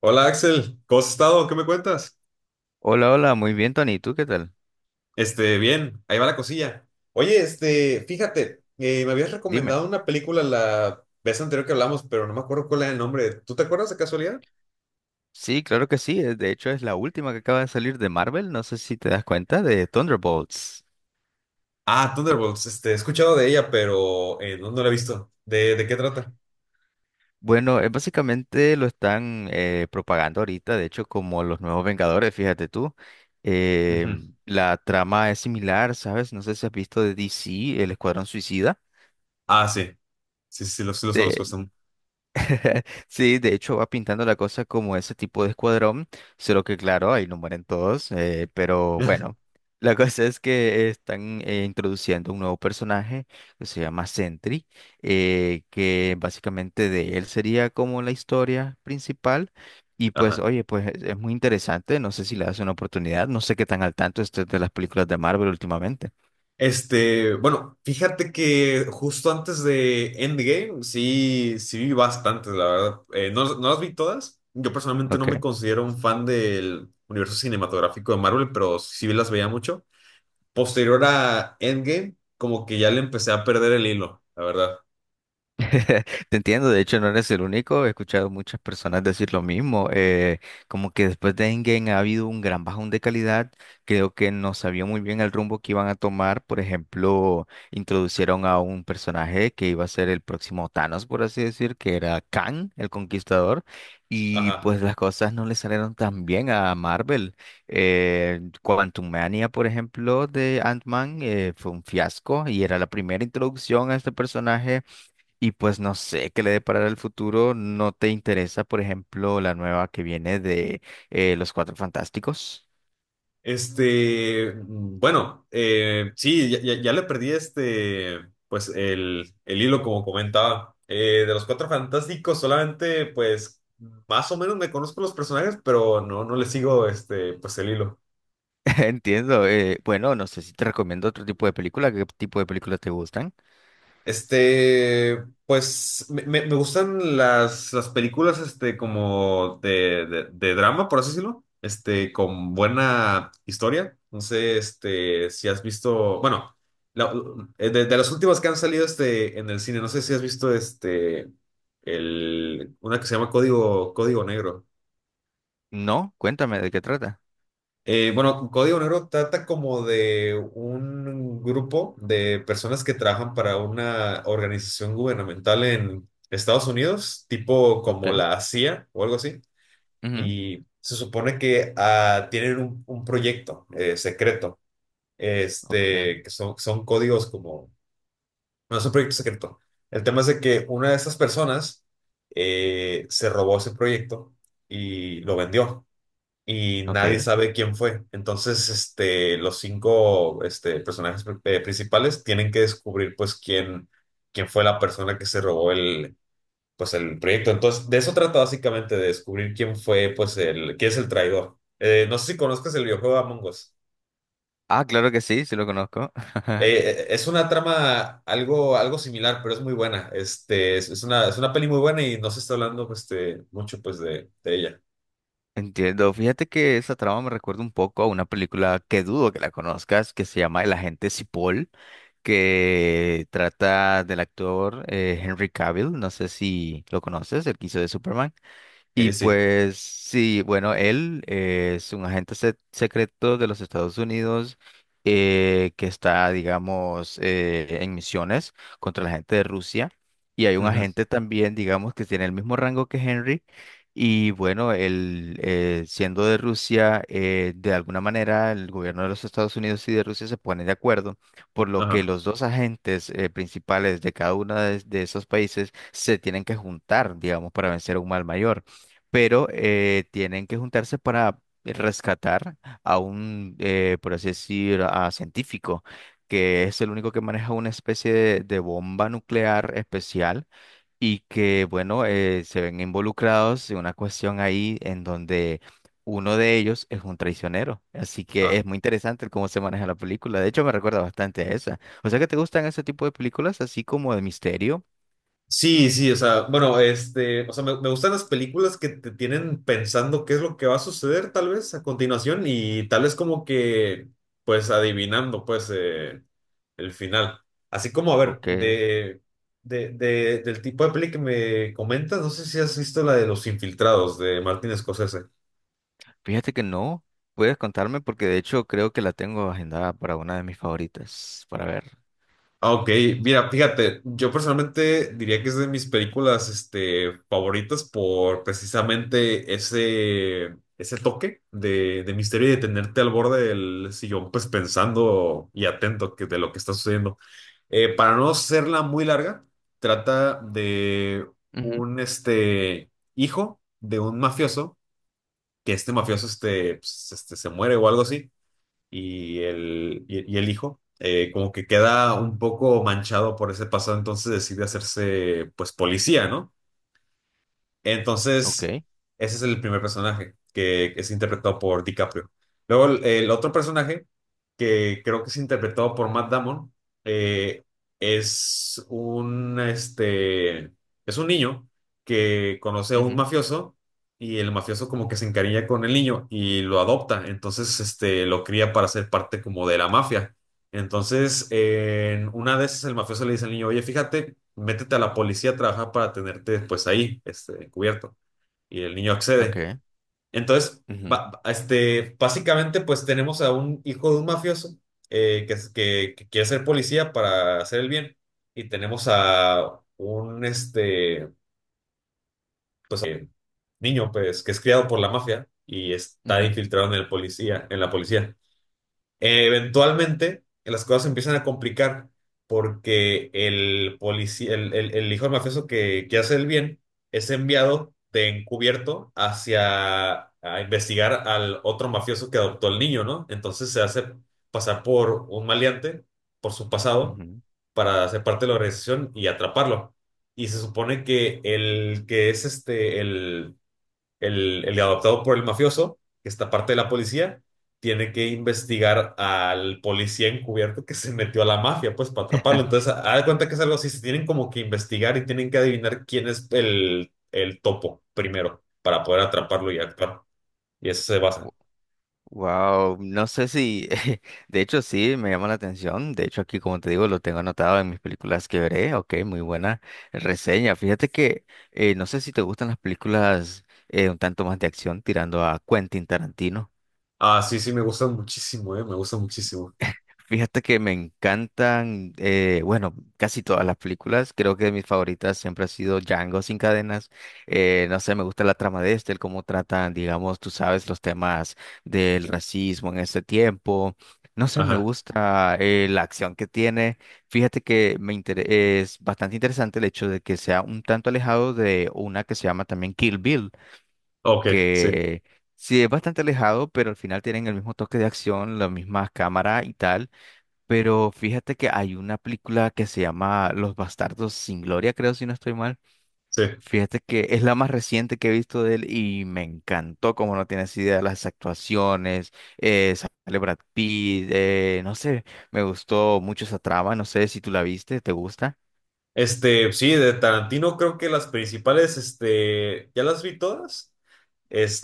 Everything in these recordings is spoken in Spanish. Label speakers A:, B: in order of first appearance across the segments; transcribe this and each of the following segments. A: Hola Axel, ¿cómo has estado? ¿Qué me cuentas?
B: Hola, hola, muy bien, Tony. ¿Tú qué tal?
A: Bien, ahí va la cosilla. Oye, fíjate, me habías
B: Dime.
A: recomendado una película la vez anterior que hablamos, pero no me acuerdo cuál era el nombre. ¿Tú te acuerdas de casualidad?
B: Sí, claro que sí. De hecho, es la última que acaba de salir de Marvel. No sé si te das cuenta de Thunderbolts.
A: Ah, Thunderbolts, he escuchado de ella, pero no la he visto. ¿De qué trata?
B: Bueno, básicamente lo están propagando ahorita, de hecho, como los nuevos Vengadores, fíjate tú. Eh,
A: Ujú.
B: la trama es similar, ¿sabes? No sé si has visto de DC, El Escuadrón Suicida.
A: Ah, sí, sí, sí los conozco. Están...
B: Sí, de hecho va pintando la cosa como ese tipo de escuadrón, solo que claro, ahí no mueren todos, pero bueno, la cosa es que están introduciendo un nuevo personaje que se llama Sentry, que básicamente de él sería como la historia principal. Y pues,
A: Ajá.
B: oye, pues es muy interesante, no sé si le das una oportunidad, no sé qué tan al tanto estés de las películas de Marvel últimamente.
A: Bueno, fíjate que justo antes de Endgame, sí, sí vi bastantes, la verdad. No las vi todas. Yo personalmente no
B: Ok.
A: me considero un fan del universo cinematográfico de Marvel, pero sí las veía mucho. Posterior a Endgame, como que ya le empecé a perder el hilo, la verdad.
B: Te entiendo, de hecho no eres el único, he escuchado muchas personas decir lo mismo, como que después de Endgame ha habido un gran bajón de calidad, creo que no sabía muy bien el rumbo que iban a tomar, por ejemplo, introducieron a un personaje que iba a ser el próximo Thanos, por así decir, que era Kang, el Conquistador, y
A: Ajá.
B: pues las cosas no le salieron tan bien a Marvel. Quantumania, por ejemplo, de Ant-Man, fue un fiasco y era la primera introducción a este personaje y pues no sé qué le deparará el futuro. ¿No te interesa, por ejemplo, la nueva que viene de Los Cuatro Fantásticos?
A: Bueno, sí, ya le perdí pues el hilo como comentaba. De los Cuatro Fantásticos solamente, pues, más o menos me conozco los personajes, pero no le sigo, pues el hilo.
B: Entiendo. Bueno, no sé si te recomiendo otro tipo de película. ¿Qué tipo de películas te gustan?
A: Pues me gustan las películas, como de drama, por así decirlo, con buena historia. No sé, si has visto, bueno, la- de las últimas que han salido, en el cine, no sé si has visto, el, una que se llama Código, Código Negro.
B: No, cuéntame de qué trata.
A: Bueno, Código Negro trata como de un grupo de personas que trabajan para una organización gubernamental en Estados Unidos, tipo como
B: Ok,
A: la CIA o algo así,
B: ujú,
A: y se supone que tienen un proyecto secreto,
B: ok,
A: que son, son códigos como, no es un proyecto secreto. El tema es de que una de esas personas se robó ese proyecto y lo vendió y nadie
B: ok.
A: sabe quién fue. Entonces, los cinco, principales tienen que descubrir, pues, quién, quién fue la persona que se robó el, pues, el proyecto. Entonces, de eso trata básicamente, de descubrir quién fue, pues, el, quién es el traidor. No sé si conozcas el videojuego Among Us.
B: Ah, claro que sí, sí lo conozco.
A: Es una trama algo, algo similar, pero es muy buena. Es una peli muy buena y no se está hablando, pues, mucho, pues, de ella.
B: Entiendo. Fíjate que esa trama me recuerda un poco a una película que dudo que la conozcas, que se llama El Agente Cipoll, que trata del actor Henry Cavill, no sé si lo conoces, el que hizo de Superman. Y
A: Sí.
B: pues sí, bueno, él es un secreto de los Estados Unidos que está, digamos, en misiones contra la gente de Rusia. Y hay un
A: Ujú.
B: agente también, digamos, que tiene el mismo rango que Henry. Y bueno, él siendo de Rusia, de alguna manera el gobierno de los Estados Unidos y de Rusia se ponen de acuerdo, por lo que
A: Ajá.
B: los dos agentes principales de cada uno de esos países se tienen que juntar, digamos, para vencer a un mal mayor, pero tienen que juntarse para rescatar a un, por así decir, a científico, que es el único que maneja una especie de bomba nuclear especial y que, bueno, se ven involucrados en una cuestión ahí en donde uno de ellos es un traicionero. Así que
A: Ah.
B: es muy interesante el cómo se maneja la película. De hecho, me recuerda bastante a esa. O sea que te gustan ese tipo de películas, así como de misterio,
A: Sí, sí, o sea, bueno, o sea, me gustan las películas que te tienen pensando qué es lo que va a suceder tal vez a continuación y tal vez como que, pues adivinando, pues, el final. Así como, a ver,
B: ¿ok?
A: del tipo de peli que me comentas, no sé si has visto la de Los Infiltrados de Martin Scorsese.
B: Fíjate que no, puedes contarme porque de hecho creo que la tengo agendada para una de mis favoritas, para ver.
A: Ah, ok, mira, fíjate, yo personalmente diría que es de mis películas, favoritas por precisamente ese toque de misterio y de tenerte al borde del sillón, pues pensando y atento que, de lo que está sucediendo. Para no serla muy larga, trata de
B: Ujú,
A: un, hijo de un mafioso, que este mafioso, pues, se muere o algo así y el hijo, como que queda un poco manchado por ese pasado, entonces decide hacerse pues policía, ¿no?
B: ok,
A: Entonces, ese es el primer personaje que es interpretado por DiCaprio. Luego, el otro personaje que creo que es interpretado por Matt Damon, eh, es un, es un niño que conoce a un
B: ujú,
A: mafioso y el mafioso como que se encariña con el niño y lo adopta. Entonces, lo cría para ser parte como de la mafia. Entonces, en una de esas, el mafioso le dice al niño, oye, fíjate, métete a la policía a trabajar para tenerte después ahí, encubierto. Y el niño accede.
B: ok.
A: Entonces,
B: Ujú,
A: básicamente, pues tenemos a un hijo de un mafioso, que quiere ser policía para hacer el bien. Y tenemos a un, pues, niño, pues, que es criado por la mafia y está
B: ujú,
A: infiltrado en el policía, en la policía. Eventualmente las cosas se empiezan a complicar porque el policía, el hijo del mafioso que hace el bien es enviado de encubierto hacia a investigar al otro mafioso que adoptó al niño, ¿no? Entonces se hace pasar por un maleante, por su pasado,
B: ujú.
A: para hacer parte de la organización y atraparlo. Y se supone que el que es este, el adoptado por el mafioso, que está parte de la policía, tiene que investigar al policía encubierto que se metió a la mafia, pues para atraparlo. Entonces, haz de cuenta que es algo así, se tienen como que investigar y tienen que adivinar quién es el topo primero para poder atraparlo y actuar. Y eso se basa.
B: Wow, no sé si, de hecho sí, me llama la atención. De hecho aquí, como te digo, lo tengo anotado en mis películas que veré. Ok, muy buena reseña. Fíjate que no sé si te gustan las películas un tanto más de acción tirando a Quentin Tarantino.
A: Ah, sí, sí, me gusta muchísimo, me gusta muchísimo.
B: Fíjate que me encantan, bueno, casi todas las películas. Creo que mis favoritas siempre ha sido Django sin cadenas. No sé, me gusta la trama de este, el cómo tratan, digamos, tú sabes, los temas del racismo en este tiempo. No sé, me
A: Ajá,
B: gusta la acción que tiene. Fíjate que es bastante interesante el hecho de que sea un tanto alejado de una que se llama también Kill Bill,
A: ok, sí,
B: que sí es bastante alejado, pero al final tienen el mismo toque de acción, la misma cámara y tal. Pero fíjate que hay una película que se llama Los Bastardos sin Gloria, creo, si no estoy mal.
A: sí.
B: Fíjate que es la más reciente que he visto de él y me encantó, como no tienes idea, las actuaciones, sale Brad Pitt, no sé, me gustó mucho esa trama, no sé si tú la viste, ¿te gusta?
A: Sí, de Tarantino creo que las principales, ya las vi todas.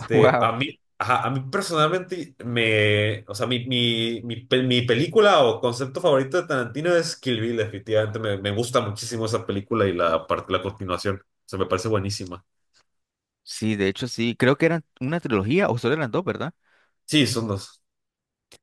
B: Wow.
A: A mí, ajá, a mí personalmente o sea, mi película o concepto favorito de Tarantino es Kill Bill, definitivamente me gusta muchísimo esa película y la parte, la continuación, o sea, me parece buenísima.
B: Sí, de hecho sí, creo que eran una trilogía o solo eran dos, ¿verdad?
A: Sí, son dos.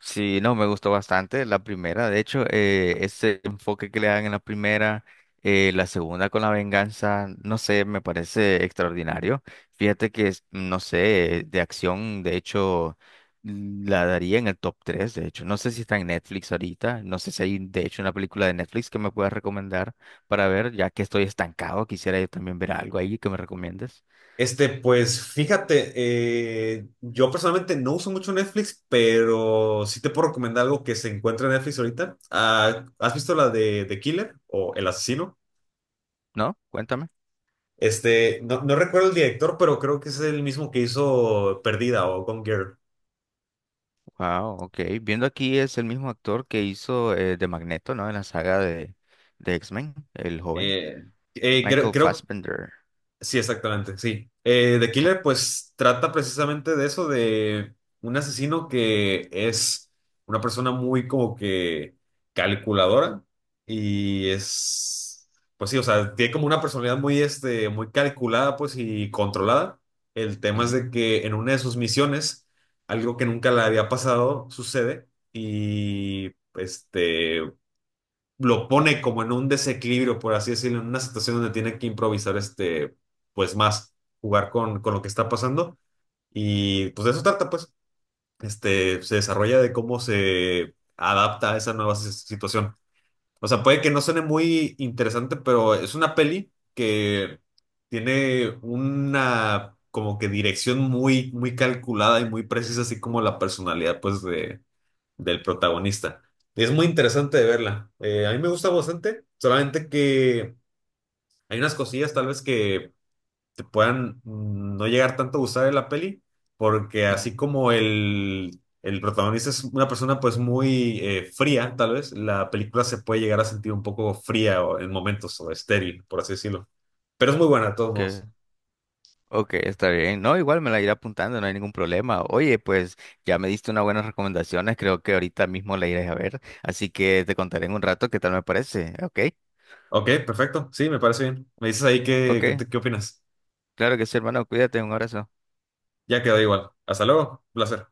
B: Sí, no, me gustó bastante la primera. De hecho, ese enfoque que le dan en la primera, la segunda con la venganza, no sé, me parece extraordinario. Fíjate que, no sé, de acción, de hecho, la daría en el top 3, de hecho. No sé si está en Netflix ahorita, no sé si hay, de hecho, una película de Netflix que me puedas recomendar para ver, ya que estoy estancado, quisiera yo también ver algo ahí que me recomiendes.
A: Pues fíjate, yo personalmente no uso mucho Netflix, pero sí te puedo recomendar algo que se encuentra en Netflix ahorita. Ah, ¿has visto la de The Killer o El Asesino?
B: ¿No? Cuéntame.
A: No recuerdo el director, pero creo que es el mismo que hizo Perdida o Gone Girl.
B: Wow, ok. Viendo aquí es el mismo actor que hizo de Magneto, ¿no? En la saga de X-Men, el joven.
A: Eh,
B: Michael
A: creo,
B: Fassbender.
A: sí, exactamente, sí. The
B: Ok,
A: Killer, pues trata precisamente de eso, de un asesino que es una persona muy como que calculadora y es, pues sí, o sea, tiene como una personalidad muy, muy calculada, pues y controlada. El tema es
B: mm,
A: de que en una de sus misiones, algo que nunca le había pasado sucede y, lo pone como en un desequilibrio, por así decirlo, en una situación donde tiene que improvisar pues más, jugar con lo que está pasando. Y pues de eso trata, pues, se desarrolla de cómo se adapta a esa nueva situación. O sea, puede que no suene muy interesante, pero es una peli que tiene una como que dirección muy, muy calculada y muy precisa, así como la personalidad, pues, del protagonista. Y es muy interesante de verla. A mí me gusta bastante, solamente que hay unas cosillas tal vez que te puedan no llegar tanto a gustar de la peli, porque así
B: ujú.
A: como el protagonista es una persona pues muy fría, tal vez la película se puede llegar a sentir un poco fría en momentos o estéril, por así decirlo. Pero es muy buena de todos
B: Ok,
A: modos.
B: ok, está bien. No, igual me la iré apuntando, no hay ningún problema. Oye, pues ya me diste unas buenas recomendaciones, creo que ahorita mismo la iré a ver. Así que te contaré en un rato qué tal me parece. Ok,
A: Ok, perfecto. Sí, me parece bien. Me dices ahí qué,
B: ok.
A: qué, qué opinas.
B: Claro que sí, hermano, cuídate, un abrazo.
A: Ya quedó igual. Hasta luego. Un placer.